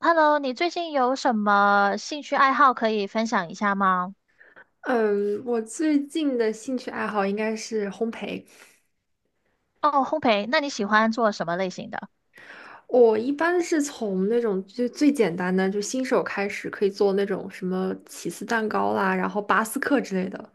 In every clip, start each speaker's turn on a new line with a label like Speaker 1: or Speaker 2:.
Speaker 1: Hello，你最近有什么兴趣爱好可以分享一下吗？
Speaker 2: 嗯，我最近的兴趣爱好应该是烘焙。
Speaker 1: 哦，烘焙，那你喜欢做什么类型的？
Speaker 2: 我一般是从那种就最简单的，就新手开始，可以做那种什么起司蛋糕啦，然后巴斯克之类的。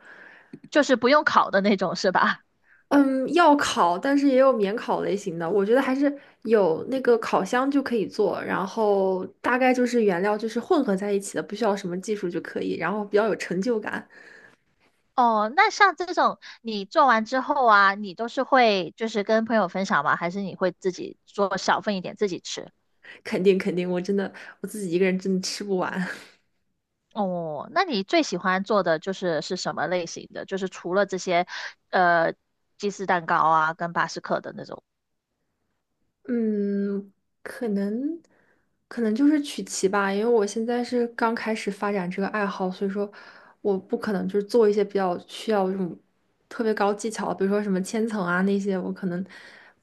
Speaker 1: 就是不用烤的那种，是吧？
Speaker 2: 嗯，要烤，但是也有免烤类型的。我觉得还是有那个烤箱就可以做，然后大概就是原料就是混合在一起的，不需要什么技术就可以，然后比较有成就感。
Speaker 1: 哦，那像这种你做完之后啊，你都是会就是跟朋友分享吗？还是你会自己做小份一点自己吃？
Speaker 2: 肯定肯定，我真的我自己一个人真的吃不完。
Speaker 1: 哦，那你最喜欢做的就是是什么类型的？就是除了这些，呃，鸡丝蛋糕啊，跟巴斯克的那种。
Speaker 2: 嗯，可能可能就是曲奇吧，因为我现在是刚开始发展这个爱好，所以说我不可能就是做一些比较需要这种特别高技巧，比如说什么千层啊那些，我可能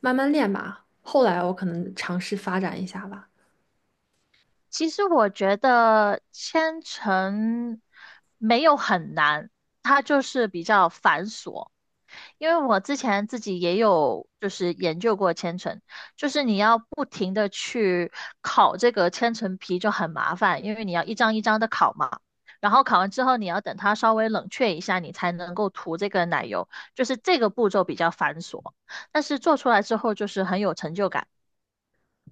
Speaker 2: 慢慢练吧。后来我可能尝试发展一下吧。
Speaker 1: 其实我觉得千层没有很难，它就是比较繁琐。因为我之前自己也有就是研究过千层，就是你要不停的去烤这个千层皮就很麻烦，因为你要一张一张的烤嘛。然后烤完之后，你要等它稍微冷却一下，你才能够涂这个奶油，就是这个步骤比较繁琐，但是做出来之后就是很有成就感。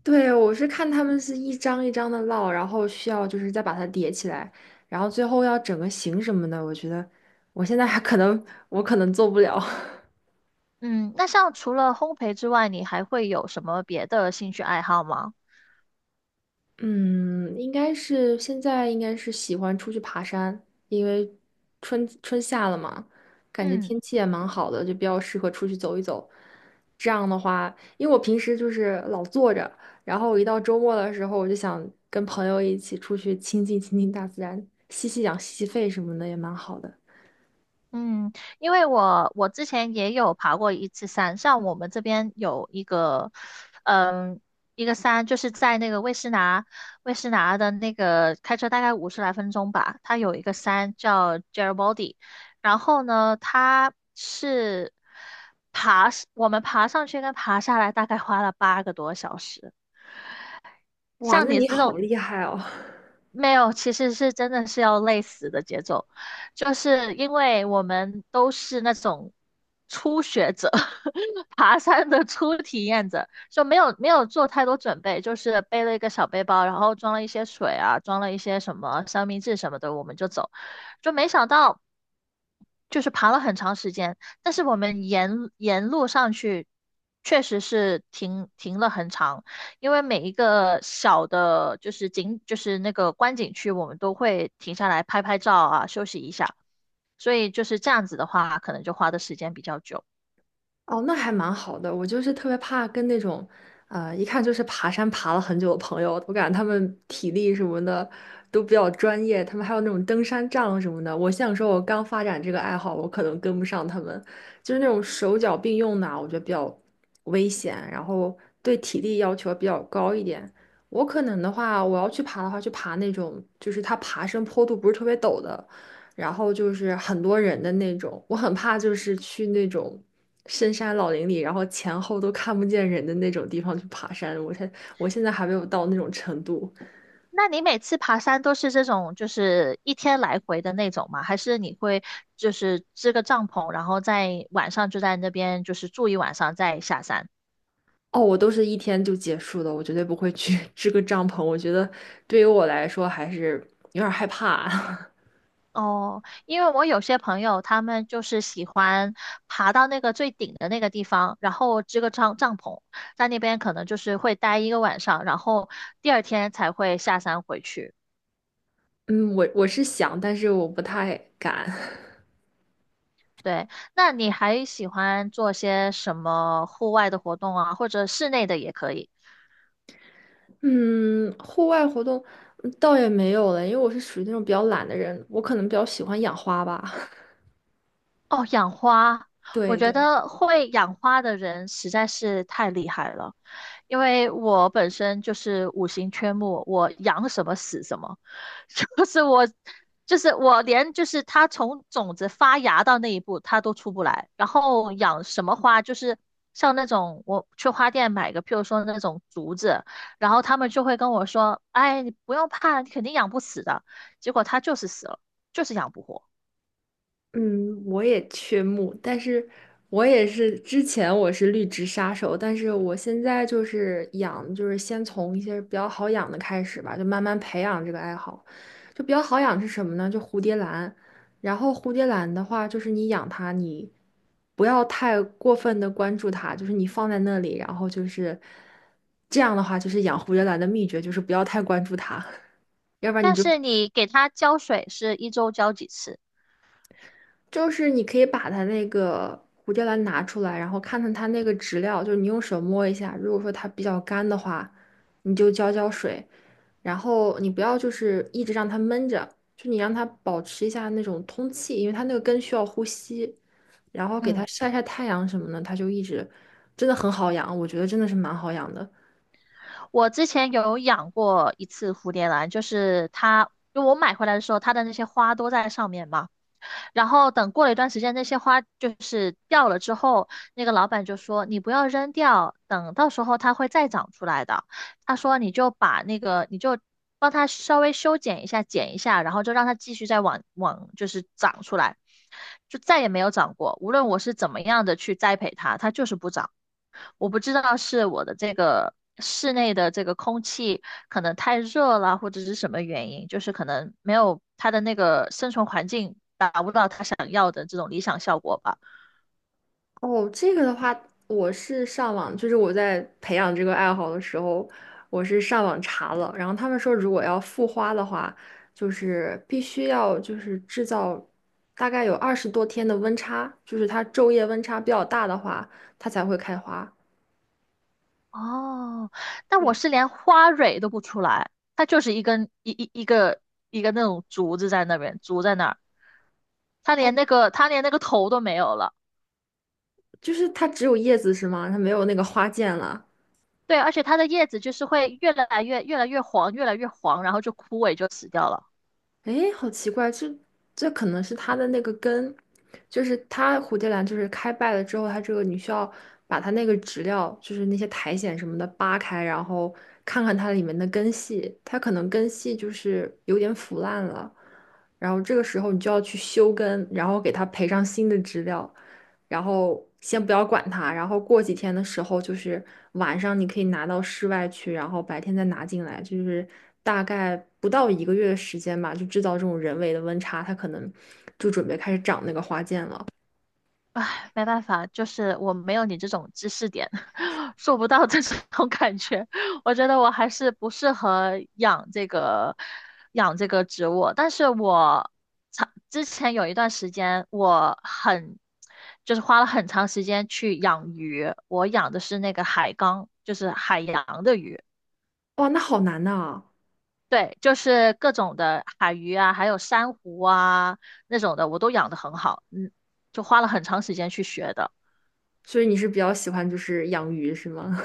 Speaker 2: 对，我是看他们是一张一张的烙，然后需要就是再把它叠起来，然后最后要整个形什么的，我觉得我现在还可能我可能做不了。
Speaker 1: 嗯，那像除了烘焙之外，你还会有什么别的兴趣爱好吗？
Speaker 2: 嗯，应该是现在应该是喜欢出去爬山，因为春夏了嘛，感觉
Speaker 1: 嗯
Speaker 2: 天气也蛮好的，就比较适合出去走一走。这样的话，因为我平时就是老坐着，然后我一到周末的时候，我就想跟朋友一起出去亲近亲近大自然，吸吸氧、吸吸肺什么的也蛮好的。
Speaker 1: 嗯，因为我之前也有爬过一次山，像我们这边有一个，嗯，一个山就是在那个魏诗拿，魏诗拿的那个开车大概50来分钟吧，它有一个山叫 Jeribody。 然后呢，它是爬，我们爬上去跟爬下来大概花了8个多小时。
Speaker 2: 哇，
Speaker 1: 像
Speaker 2: 那
Speaker 1: 你
Speaker 2: 你
Speaker 1: 这
Speaker 2: 好
Speaker 1: 种，
Speaker 2: 厉害哦！
Speaker 1: 没有，其实是真的是要累死的节奏，就是因为我们都是那种初学者，爬山的初体验者，就没有做太多准备，就是背了一个小背包，然后装了一些水啊，装了一些什么三明治什么的，我们就走，就没想到。就是爬了很长时间，但是我们沿路上去，确实是停了很长，因为每一个小的，就是景，就是那个观景区，我们都会停下来拍拍照啊，休息一下，所以就是这样子的话，可能就花的时间比较久。
Speaker 2: 哦，那还蛮好的。我就是特别怕跟那种，一看就是爬山爬了很久的朋友，我感觉他们体力什么的都比较专业，他们还有那种登山杖什么的。我想说，我刚发展这个爱好，我可能跟不上他们，就是那种手脚并用的啊我觉得比较危险，然后对体力要求比较高一点。我可能的话，我要去爬的话，去爬那种就是它爬升坡度不是特别陡的，然后就是很多人的那种，我很怕就是去那种深山老林里，然后前后都看不见人的那种地方去爬山。我才，我现在还没有到那种程度。
Speaker 1: 那你每次爬山都是这种，就是一天来回的那种吗？还是你会就是支个帐篷，然后在晚上就在那边就是住一晚上再下山？
Speaker 2: 哦，我都是一天就结束的，我绝对不会去 支个帐篷。我觉得对于我来说还是有点害怕。
Speaker 1: 哦，因为我有些朋友他们就是喜欢爬到那个最顶的那个地方，然后支个帐篷，在那边可能就是会待1个晚上，然后第二天才会下山回去。
Speaker 2: 嗯，我是想，但是我不太敢。
Speaker 1: 对，那你还喜欢做些什么户外的活动啊，或者室内的也可以？
Speaker 2: 嗯，户外活动嗯倒也没有了，因为我是属于那种比较懒的人，我可能比较喜欢养花吧。
Speaker 1: 哦，养花，我
Speaker 2: 对
Speaker 1: 觉
Speaker 2: 对。
Speaker 1: 得会养花的人实在是太厉害了，因为我本身就是五行缺木，我养什么死什么，就是我，就是我连就是它从种子发芽到那一步它都出不来，然后养什么花就是像那种我去花店买个，譬如说那种竹子，然后他们就会跟我说，哎，你不用怕，你肯定养不死的，结果它就是死了，就是养不活。
Speaker 2: 嗯，我也缺木，但是我也是之前我是绿植杀手，但是我现在就是养，就是先从一些比较好养的开始吧，就慢慢培养这个爱好。就比较好养是什么呢？就蝴蝶兰。然后蝴蝶兰的话，就是你养它，你不要太过分的关注它，就是你放在那里，然后就是这样的话，就是养蝴蝶兰的秘诀就是不要太关注它。要不然你
Speaker 1: 但
Speaker 2: 就
Speaker 1: 是你给它浇水是一周浇几次？
Speaker 2: 就是你可以把它那个蝴蝶兰拿出来，然后看看它那个植料，就是你用手摸一下，如果说它比较干的话，你就浇浇水，然后你不要就是一直让它闷着，就你让它保持一下那种通气，因为它那个根需要呼吸，然后给它
Speaker 1: 嗯，
Speaker 2: 晒晒太阳什么的，它就一直真的很好养，我觉得真的是蛮好养的。
Speaker 1: 我之前有养过一次蝴蝶兰，就是它，就我买回来的时候，它的那些花都在上面嘛。然后等过了一段时间，那些花就是掉了之后，那个老板就说你不要扔掉，等到时候它会再长出来的。他说你就把那个你就帮它稍微修剪一下，剪一下，然后就让它继续再往就是长出来，就再也没有长过。无论我是怎么样的去栽培它，它就是不长。我不知道是我的这个室内的这个空气可能太热了，或者是什么原因，就是可能没有它的那个生存环境达不到它想要的这种理想效果吧。
Speaker 2: 哦，这个的话，我是上网，就是我在培养这个爱好的时候，我是上网查了，然后他们说，如果要复花的话，就是必须要就是制造大概有20多天的温差，就是它昼夜温差比较大的话，它才会开花。
Speaker 1: 哦，但我
Speaker 2: 对，
Speaker 1: 是连花蕊都不出来，它就是一根一一一个一个那种竹子在那边，竹在那儿，它
Speaker 2: 哦，
Speaker 1: 连那个它连那个头都没有了。
Speaker 2: 就是它只有叶子是吗？它没有那个花剑了。
Speaker 1: 对，而且它的叶子就是会越来越黄，越来越黄，然后就枯萎就死掉了。
Speaker 2: 诶，好奇怪，这可能是它的那个根，就是它蝴蝶兰就是开败了之后，它这个你需要把它那个植料，就是那些苔藓什么的扒开，然后看看它里面的根系，它可能根系就是有点腐烂了，然后这个时候你就要去修根，然后给它培上新的植料，然后先不要管它，然后过几天的时候，就是晚上你可以拿到室外去，然后白天再拿进来，就是大概不到一个月的时间吧，就制造这种人为的温差，它可能就准备开始长那个花剑了。
Speaker 1: 唉，没办法，就是我没有你这种知识点，做不到这种 感觉。我觉得我还是不适合养这个养这个植物。但是我长之前有一段时间，我很就是花了很长时间去养鱼。我养的是那个海缸，就是海洋的鱼。
Speaker 2: 哇，那好难呐！
Speaker 1: 对，就是各种的海鱼啊，还有珊瑚啊那种的，我都养得很好。嗯，就花了很长时间去学的。
Speaker 2: 所以你是比较喜欢就是养鱼是吗？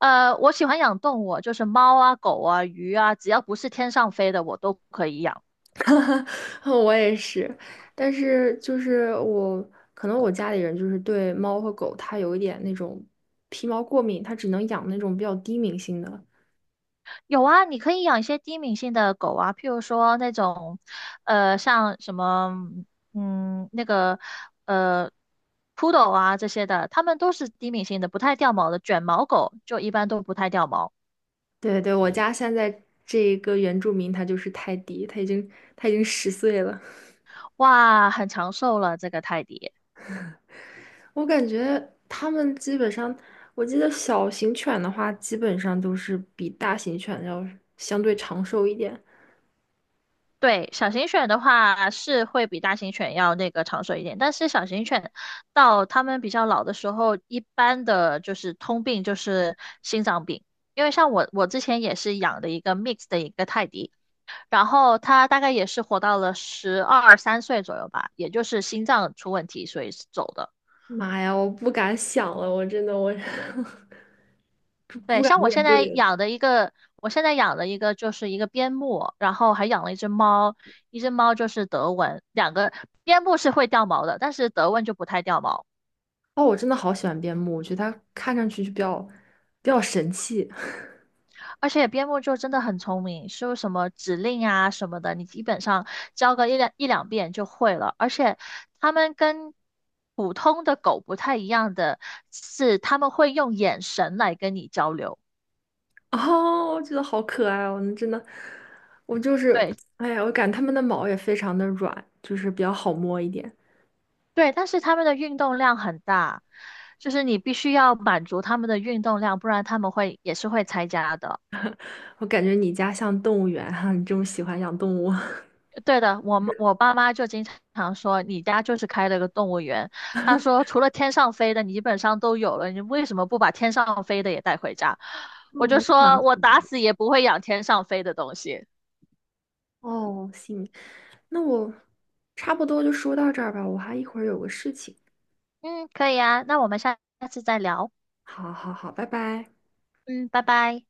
Speaker 1: 我喜欢养动物，就是猫啊、狗啊、鱼啊，只要不是天上飞的，我都可以养。
Speaker 2: 我也是，但是就是我可能我家里人就是对猫和狗它有一点那种皮毛过敏，它只能养那种比较低敏性的。
Speaker 1: 有啊，你可以养一些低敏性的狗啊，譬如说那种，像什么，嗯，那个，呃，poodle 啊这些的，它们都是低敏性的，不太掉毛的。卷毛狗就一般都不太掉毛，
Speaker 2: 对对，我家现在这一个原住民他就是泰迪，他已经10岁了。
Speaker 1: 哇，很长寿了这个泰迪。
Speaker 2: 我感觉他们基本上，我记得小型犬的话，基本上都是比大型犬要相对长寿一点。
Speaker 1: 对，小型犬的话是会比大型犬要那个长寿一点，但是小型犬到它们比较老的时候，一般的就是通病就是心脏病。因为像我，我之前也是养的一个 mix 的一个泰迪，然后它大概也是活到了12、13岁左右吧，也就是心脏出问题，所以是走的。
Speaker 2: 妈呀，我不敢想了，我真的我 不不
Speaker 1: 对，
Speaker 2: 敢
Speaker 1: 像我
Speaker 2: 面
Speaker 1: 现在
Speaker 2: 对了。
Speaker 1: 养的一个，我现在养的一个就是一个边牧，然后还养了一只猫，一只猫就是德文，两个边牧是会掉毛的，但是德文就不太掉毛，
Speaker 2: 哦，我真的好喜欢边牧，我觉得它看上去就比较神气。
Speaker 1: 而且边牧就真的很聪明，是什么指令啊什么的，你基本上教个一两遍就会了，而且它们跟普通的狗不太一样的是，它们会用眼神来跟你交流。
Speaker 2: 哦，我觉得好可爱哦，那真的，我就是，
Speaker 1: 对，
Speaker 2: 哎呀，我感觉它们的毛也非常的软，就是比较好摸一点。
Speaker 1: 对，但是他们的运动量很大，就是你必须要满足他们的运动量，不然他们会也是会拆家的。
Speaker 2: 我感觉你家像动物园哈，你这么喜欢养动物。
Speaker 1: 对的，我爸妈就经常说，你家就是开了个动物园。他说，除了天上飞的，你基本上都有了，你为什么不把天上飞的也带回家？我
Speaker 2: 嗯我
Speaker 1: 就
Speaker 2: 哦，蛮
Speaker 1: 说，我 打死也不会养天上飞的东西。
Speaker 2: 哦，行，那我差不多就说到这儿吧，我还一会儿有个事情。
Speaker 1: 嗯，可以啊，那我们下下次再聊。
Speaker 2: 好好好，拜拜。
Speaker 1: 嗯，拜拜。